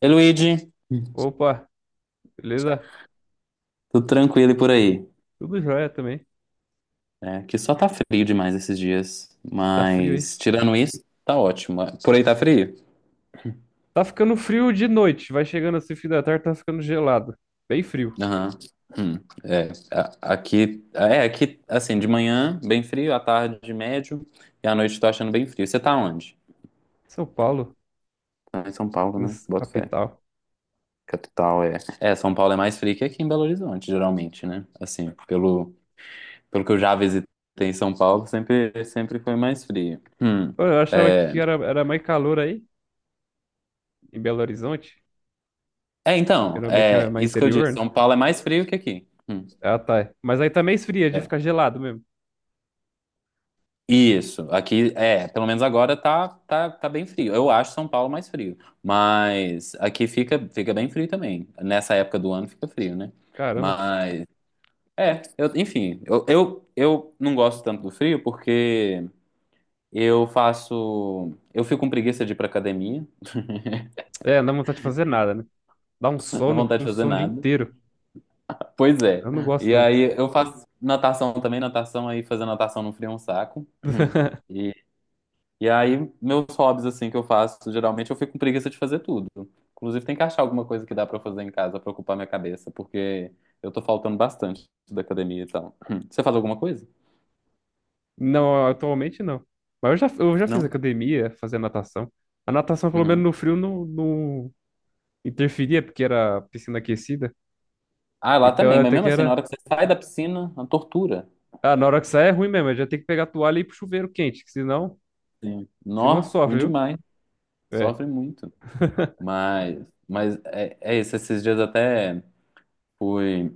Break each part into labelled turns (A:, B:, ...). A: Ei, Luigi,
B: Opa, beleza?
A: tudo tranquilo e por aí?
B: Tudo jóia também.
A: É, que só tá frio demais esses dias,
B: Tá frio aí.
A: mas tirando isso, tá ótimo. Por aí tá frio?
B: Tá ficando frio de noite, vai chegando assim, fim da tarde, tá ficando gelado. Bem frio.
A: Aham. Hum, é, aqui, assim, de manhã bem frio, à tarde médio e à noite tô achando bem frio. Você tá onde?
B: São Paulo,
A: Tá em São Paulo,
B: na
A: né?
B: s-
A: Boto fé.
B: capital.
A: Capital é. É, São Paulo é mais frio que aqui em Belo Horizonte, geralmente, né? Assim, pelo que eu já visitei em São Paulo, sempre foi mais frio. Hum.
B: Pô, eu achava
A: é,
B: que era, mais calor aí, em Belo Horizonte.
A: É, então,
B: Geralmente é
A: é
B: mais
A: isso que eu
B: interior,
A: disse.
B: né?
A: São Paulo é mais frio que aqui.
B: Ah, tá. Mas aí também esfria, de
A: É.
B: ficar gelado mesmo.
A: Isso, aqui é, pelo menos agora tá bem frio. Eu acho São Paulo mais frio, mas aqui fica bem frio também. Nessa época do ano fica frio, né?
B: Caramba.
A: Mas é, enfim, eu não gosto tanto do frio porque eu fico com preguiça de ir pra academia,
B: É, não dá vontade de fazer nada, né? Dá
A: não dá vontade
B: um
A: de fazer
B: sono o dia
A: nada.
B: inteiro.
A: Pois é.
B: Eu não gosto,
A: E
B: não.
A: aí eu faço natação também, natação aí fazer natação no frio é um saco. e E aí, meus hobbies, assim, que eu faço, geralmente eu fico com preguiça de fazer tudo. Inclusive, tem que achar alguma coisa que dá pra eu fazer em casa pra ocupar minha cabeça, porque eu tô faltando bastante da academia e tal. Você faz alguma coisa?
B: Não, atualmente não. Mas eu já fiz
A: Não?
B: academia, fazer natação. A natação, pelo menos
A: Uhum.
B: no frio, não, não, interferia, porque era piscina aquecida.
A: Ah, lá
B: Então
A: também, mas
B: até
A: mesmo
B: que
A: assim, na
B: era.
A: hora que você sai da piscina, a tortura.
B: Ah, na hora que sai é ruim mesmo, já tem que pegar a toalha e ir pro chuveiro quente, que
A: Sim.
B: senão
A: Nó, ruim
B: sofre, viu?
A: demais.
B: É.
A: Sofre muito. Mas é isso. Esses dias até fui.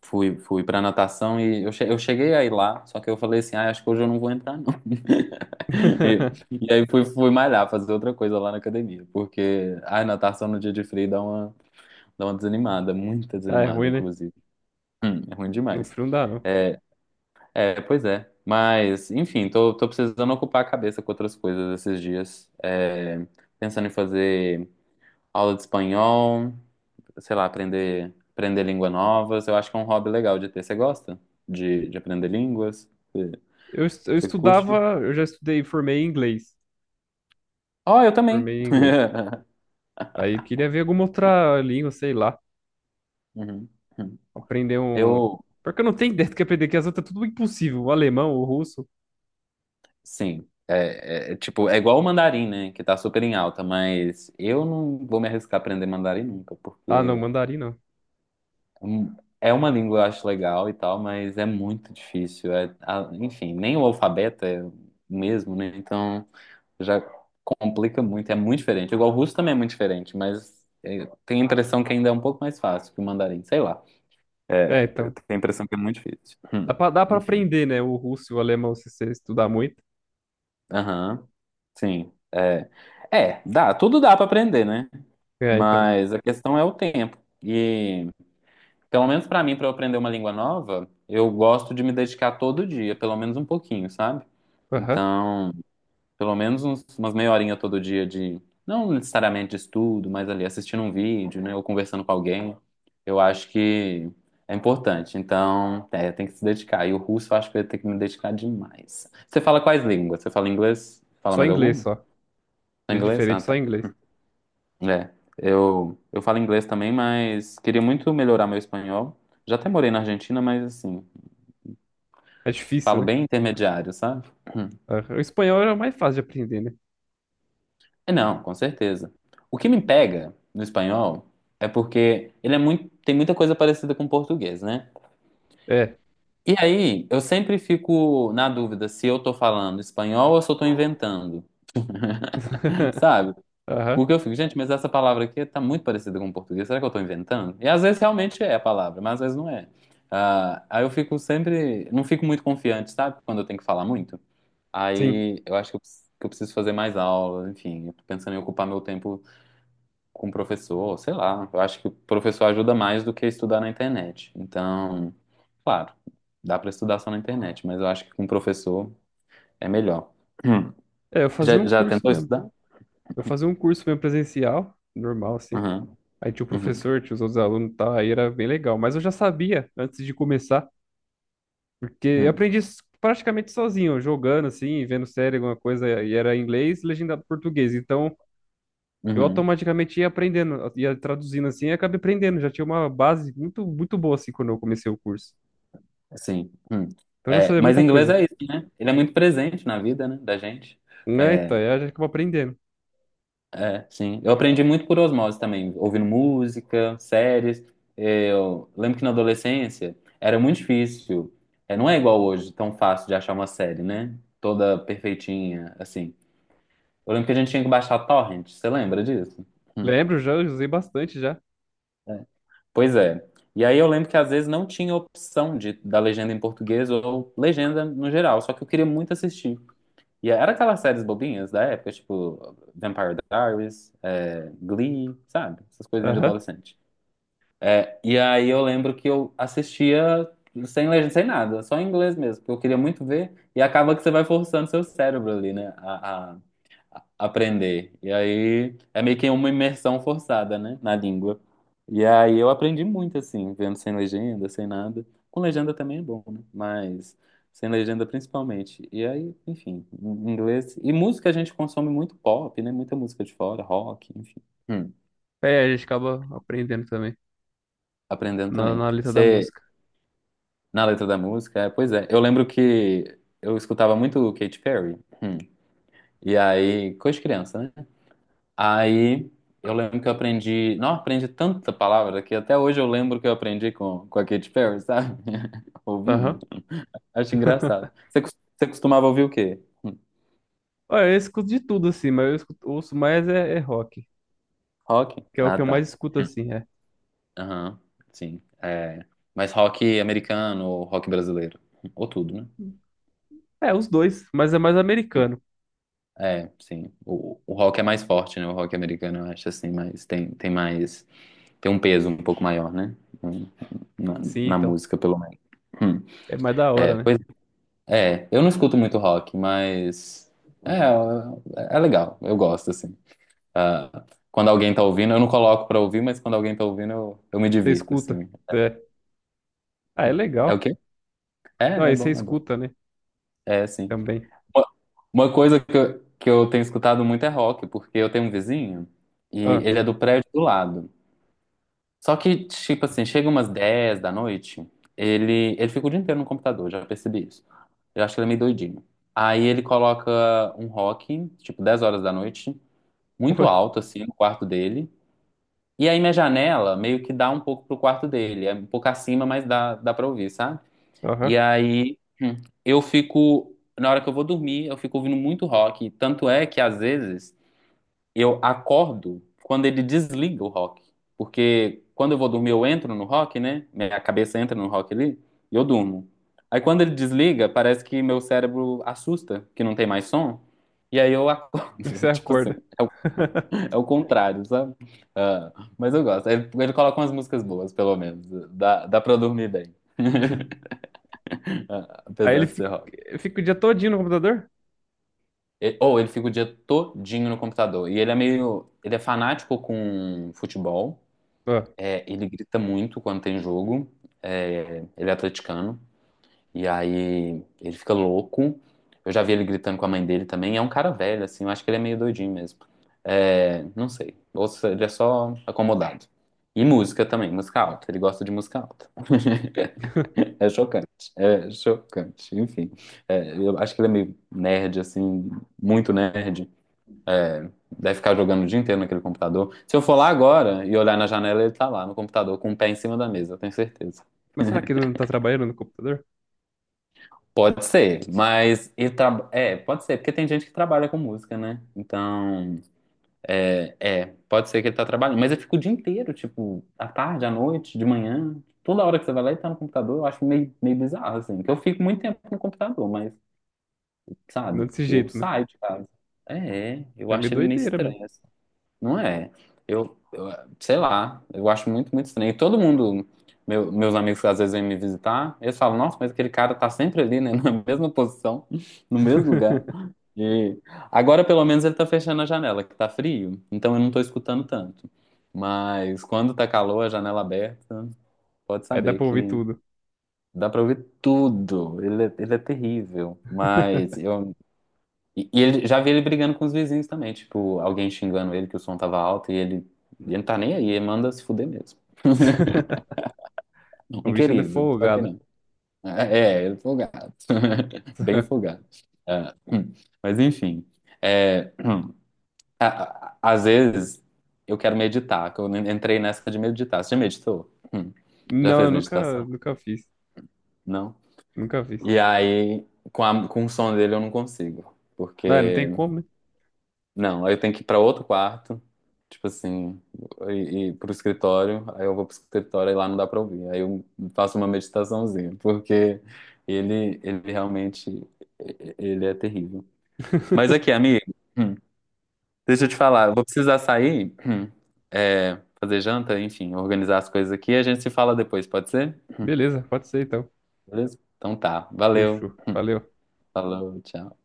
A: Fui pra natação e eu cheguei a ir lá, só que eu falei assim, ah, acho que hoje eu não vou entrar, não. E, e aí fui malhar, fazer outra coisa lá na academia, porque a natação no dia de frio dá uma desanimada, muita
B: Ah, é
A: desanimada,
B: ruim, né?
A: inclusive. É ruim
B: No
A: demais.
B: frio não dá, não.
A: É, é, pois é. Mas, enfim, tô precisando ocupar a cabeça com outras coisas esses dias. É, pensando em fazer aula de espanhol, sei lá, aprender línguas novas. Eu acho que é um hobby legal de ter. Você gosta de aprender línguas? Você,
B: Eu
A: você curte?
B: estudava, eu já estudei, formei em inglês.
A: Ó, eu
B: Eu
A: também.
B: formei em inglês. Aí eu queria ver alguma outra língua, sei lá.
A: Uhum.
B: Aprender um.
A: Eu,
B: Porque eu não tenho ideia do que aprender, que as outras é tudo impossível. O alemão, o russo.
A: sim. É, tipo, é igual o mandarim, né? Que tá super em alta, mas eu não vou me arriscar a aprender mandarim nunca,
B: Ah, não,
A: porque
B: mandarim não.
A: hum, é uma língua eu acho legal e tal, mas é muito difícil. É, enfim, nem o alfabeto é o mesmo, né? Então. Já complica muito, é muito diferente. Igual o russo também é muito diferente, mas é, tenho a impressão que ainda é um pouco mais fácil que o mandarim, sei lá. É,
B: É,
A: eu
B: então.
A: tenho a impressão que é muito difícil.
B: Dá pra
A: Enfim.
B: aprender, né? O russo e o alemão se você estudar muito.
A: Aham, sim. É, tudo dá pra aprender, né?
B: É, então.
A: Mas a questão é o tempo. E, pelo menos pra mim, pra eu aprender uma língua nova, eu gosto de me dedicar todo dia, pelo menos um pouquinho, sabe?
B: Aham.
A: Então. Pelo menos umas meia horinha todo dia de, não necessariamente de estudo, mas ali assistindo um vídeo, né, ou conversando com alguém, eu acho que é importante. Então, é, tem que se dedicar. E o russo eu acho que eu ia ter que me dedicar demais. Você fala quais línguas? Você fala inglês? Fala
B: Só
A: mais
B: inglês,
A: alguma?
B: só.
A: Fala
B: De
A: inglês? Ah,
B: diferente, só
A: tá.
B: inglês.
A: É. Eu falo inglês também, mas queria muito melhorar meu espanhol. Já até morei na Argentina, mas assim,
B: É difícil,
A: falo
B: né?
A: bem intermediário, sabe?
B: Aham. O espanhol era mais fácil de aprender, né?
A: É, não, com certeza. O que me pega no espanhol é porque ele é muito, tem muita coisa parecida com o português, né?
B: É.
A: E aí, eu sempre fico na dúvida se eu tô falando espanhol ou se eu tô inventando, sabe?
B: Aham.
A: Porque eu fico, gente, mas essa palavra aqui tá muito parecida com o português, será que eu tô inventando? E às vezes realmente é a palavra, mas às vezes não é. Ah, aí eu fico sempre, não fico muito confiante, sabe? Quando eu tenho que falar muito.
B: Sim.
A: Aí eu acho que eu preciso fazer mais aula, enfim, eu tô pensando em ocupar meu tempo com o professor, sei lá. Eu acho que o professor ajuda mais do que estudar na internet. Então, claro, dá para estudar só na internet, mas eu acho que com o professor é melhor. Hum.
B: É, eu fazia
A: Já,
B: um
A: já
B: curso
A: tentou
B: mesmo.
A: estudar?
B: Eu fazia um curso mesmo presencial, normal, assim.
A: Uhum,
B: Aí tinha o
A: uhum,
B: professor, tinha os outros alunos e tal, aí era bem legal. Mas eu já sabia antes de começar, porque
A: uhum,
B: praticamente sozinho, jogando, assim, vendo série, alguma coisa, e era inglês e legendado em português. Então, eu
A: uhum.
B: automaticamente ia aprendendo, ia traduzindo, assim, e acabei aprendendo. Já tinha uma base muito, muito boa, assim, quando eu comecei o curso.
A: Sim. Hum.
B: Então eu já
A: É,
B: sabia
A: mas
B: muita
A: inglês
B: coisa.
A: é isso, né? Ele é muito presente na vida, né, da gente.
B: Eita,
A: É,
B: aí a gente acaba aprendendo.
A: É, sim. Eu aprendi muito por osmose também, ouvindo música, séries. É, eu lembro que na adolescência era muito difícil. É, não é igual hoje, tão fácil de achar uma série, né? Toda perfeitinha, assim. Eu lembro que a gente tinha que baixar torrent, você lembra disso? Hum.
B: Lembro já, usei bastante já.
A: Pois é. E aí eu lembro que às vezes não tinha opção da legenda em português ou legenda no geral, só que eu queria muito assistir. E era aquelas séries bobinhas da época, tipo Vampire Diaries, é, Glee, sabe? Essas coisinhas de
B: Aham.
A: adolescente. É, e aí eu lembro que eu assistia sem legenda, sem nada, só em inglês mesmo, porque eu queria muito ver, e acaba que você vai forçando seu cérebro ali, né, a aprender. E aí é meio que uma imersão forçada, né, na língua. E aí eu aprendi muito, assim, vendo sem legenda, sem nada. Com legenda também é bom, né, mas sem legenda principalmente. E aí, enfim, em inglês. E música a gente consome muito pop, né, muita música de fora, rock, enfim. Hum,
B: É, a gente acaba aprendendo também
A: aprendendo
B: na,
A: também.
B: na letra da
A: Você
B: música.
A: Na letra da música, é, pois é. Eu lembro que eu escutava muito Katy Perry. hum, E aí, coisa de criança, né? Aí eu lembro que eu aprendi. Não, aprendi tanta palavra que até hoje eu lembro que eu aprendi com a Katy Perry, sabe? Ouvindo.
B: Aham.
A: Acho engraçado. Você costumava ouvir o quê? Hum.
B: Olha, eu escuto de tudo assim, mas ouço mais é, é rock,
A: Rock?
B: que é o
A: Ah,
B: que eu
A: tá.
B: mais escuto
A: Hum.
B: assim, é.
A: Aham, sim. É, mas rock americano ou rock brasileiro? Ou tudo, né?
B: É, os dois, mas é mais americano.
A: É, sim. O rock é mais forte, né? O rock americano, eu acho assim, mas tem mais. Tem um peso um pouco maior, né? Na,
B: Sim,
A: na
B: então.
A: música, pelo menos. Hum.
B: É mais da
A: É,
B: hora, né?
A: pois é. Eu não escuto muito rock, mas. É, é legal. Eu gosto, assim. Ah, quando alguém tá ouvindo, eu não coloco pra ouvir, mas quando alguém tá ouvindo, eu me
B: Você
A: divirto,
B: escuta.
A: assim.
B: É. Ah, é
A: É o
B: legal.
A: quê? É,
B: Não,
A: é
B: aí você
A: bom, é bom.
B: escuta, né?
A: É, sim.
B: Também.
A: Uma uma coisa que eu tenho escutado muito é rock, porque eu tenho um vizinho e
B: Ah.
A: ele é do prédio do lado. Só que, tipo assim, chega umas 10 da noite, ele fica o dia inteiro no computador, já percebi isso. Eu acho que ele é meio doidinho. Aí ele coloca um rock, tipo 10 horas da noite, muito alto, assim, no quarto dele. E aí minha janela meio que dá um pouco pro quarto dele, é um pouco acima, mas dá pra ouvir, sabe? E
B: Aham.
A: aí eu fico, na hora que eu vou dormir, eu fico ouvindo muito rock. Tanto é que às vezes eu acordo quando ele desliga o rock. Porque quando eu vou dormir, eu entro no rock, né? Minha cabeça entra no rock ali e eu durmo. Aí quando ele desliga, parece que meu cérebro assusta, que não tem mais som. E aí eu
B: Aí
A: acordo.
B: você
A: Tipo assim,
B: acorda.
A: é o, é o contrário, sabe? Ah, mas eu gosto. Ele coloca umas músicas boas, pelo menos. Dá pra eu dormir bem, ah,
B: Aí
A: apesar de ser rock.
B: fica o dia todinho no computador?
A: Ou ele fica o dia todinho no computador. E ele é meio. Ele é fanático com futebol.
B: Ah.
A: É, ele grita muito quando tem jogo. É, ele é atleticano. E aí ele fica louco. Eu já vi ele gritando com a mãe dele também. É um cara velho, assim. Eu acho que ele é meio doidinho mesmo. É, não sei. Ou se ele é só acomodado. E música também, música alta. Ele gosta de música alta. É chocante. É chocante. Enfim. É, eu acho que ele é meio nerd, assim. Muito nerd. Deve ficar jogando o dia inteiro naquele computador. Se eu for lá agora e olhar na janela, ele tá lá no computador com o pé em cima da mesa, eu tenho certeza.
B: Mas será que ele não tá trabalhando no computador?
A: Pode ser, mas é, pode ser, porque tem gente que trabalha com música, né? Então, é, pode ser que ele tá trabalhando, mas ele fica o dia inteiro, tipo, à tarde, à noite, de manhã, toda hora que você vai lá ele tá no computador, eu acho meio bizarro, assim, que eu fico muito tempo no computador, mas, sabe,
B: Não desse
A: eu
B: jeito, né?
A: saio de casa. É, eu
B: É meio
A: acho ele meio
B: doideira
A: estranho.
B: mesmo.
A: Não é. Eu, sei lá, eu acho muito, muito estranho. E todo mundo, meus amigos que às vezes vêm me visitar, eles falam, nossa, mas aquele cara tá sempre ali, né? Na mesma posição, no mesmo lugar. E agora, pelo menos, ele tá fechando a janela, que tá frio, então eu não tô escutando tanto. Mas quando tá calor, a janela aberta, pode
B: Aí dá
A: saber
B: pra ouvir
A: que
B: tudo.
A: dá pra ouvir tudo. Ele é terrível. Mas e ele já vi ele brigando com os vizinhos também, tipo, alguém xingando ele que o som tava alto e ele não tá nem aí, ele manda se fuder mesmo.
B: O
A: Um
B: bicho ainda é
A: querido, só que
B: folgado.
A: não. É, ele é folgado. Bem folgado. É, mas enfim, é, a- às vezes eu quero meditar, que eu entrei nessa de meditar. Você já meditou? Hum. Já
B: Não, eu
A: fez
B: nunca,
A: meditação?
B: nunca fiz.
A: Não?
B: Nunca fiz.
A: E aí, com o som dele eu não consigo,
B: Não, não tem
A: porque.
B: como, né?
A: Não, aí eu tenho que ir pra outro quarto, tipo assim, e pro escritório, aí eu vou pro escritório e lá não dá pra ouvir. Aí eu faço uma meditaçãozinha, porque ele realmente, ele é terrível. Mas aqui, amigo, hum, deixa eu te falar, eu vou precisar sair, é, fazer janta, enfim, organizar as coisas aqui, e a gente se fala depois, pode ser?
B: Beleza, pode ser então.
A: Beleza? Então tá, valeu,
B: Fechou. Valeu.
A: falou, tchau.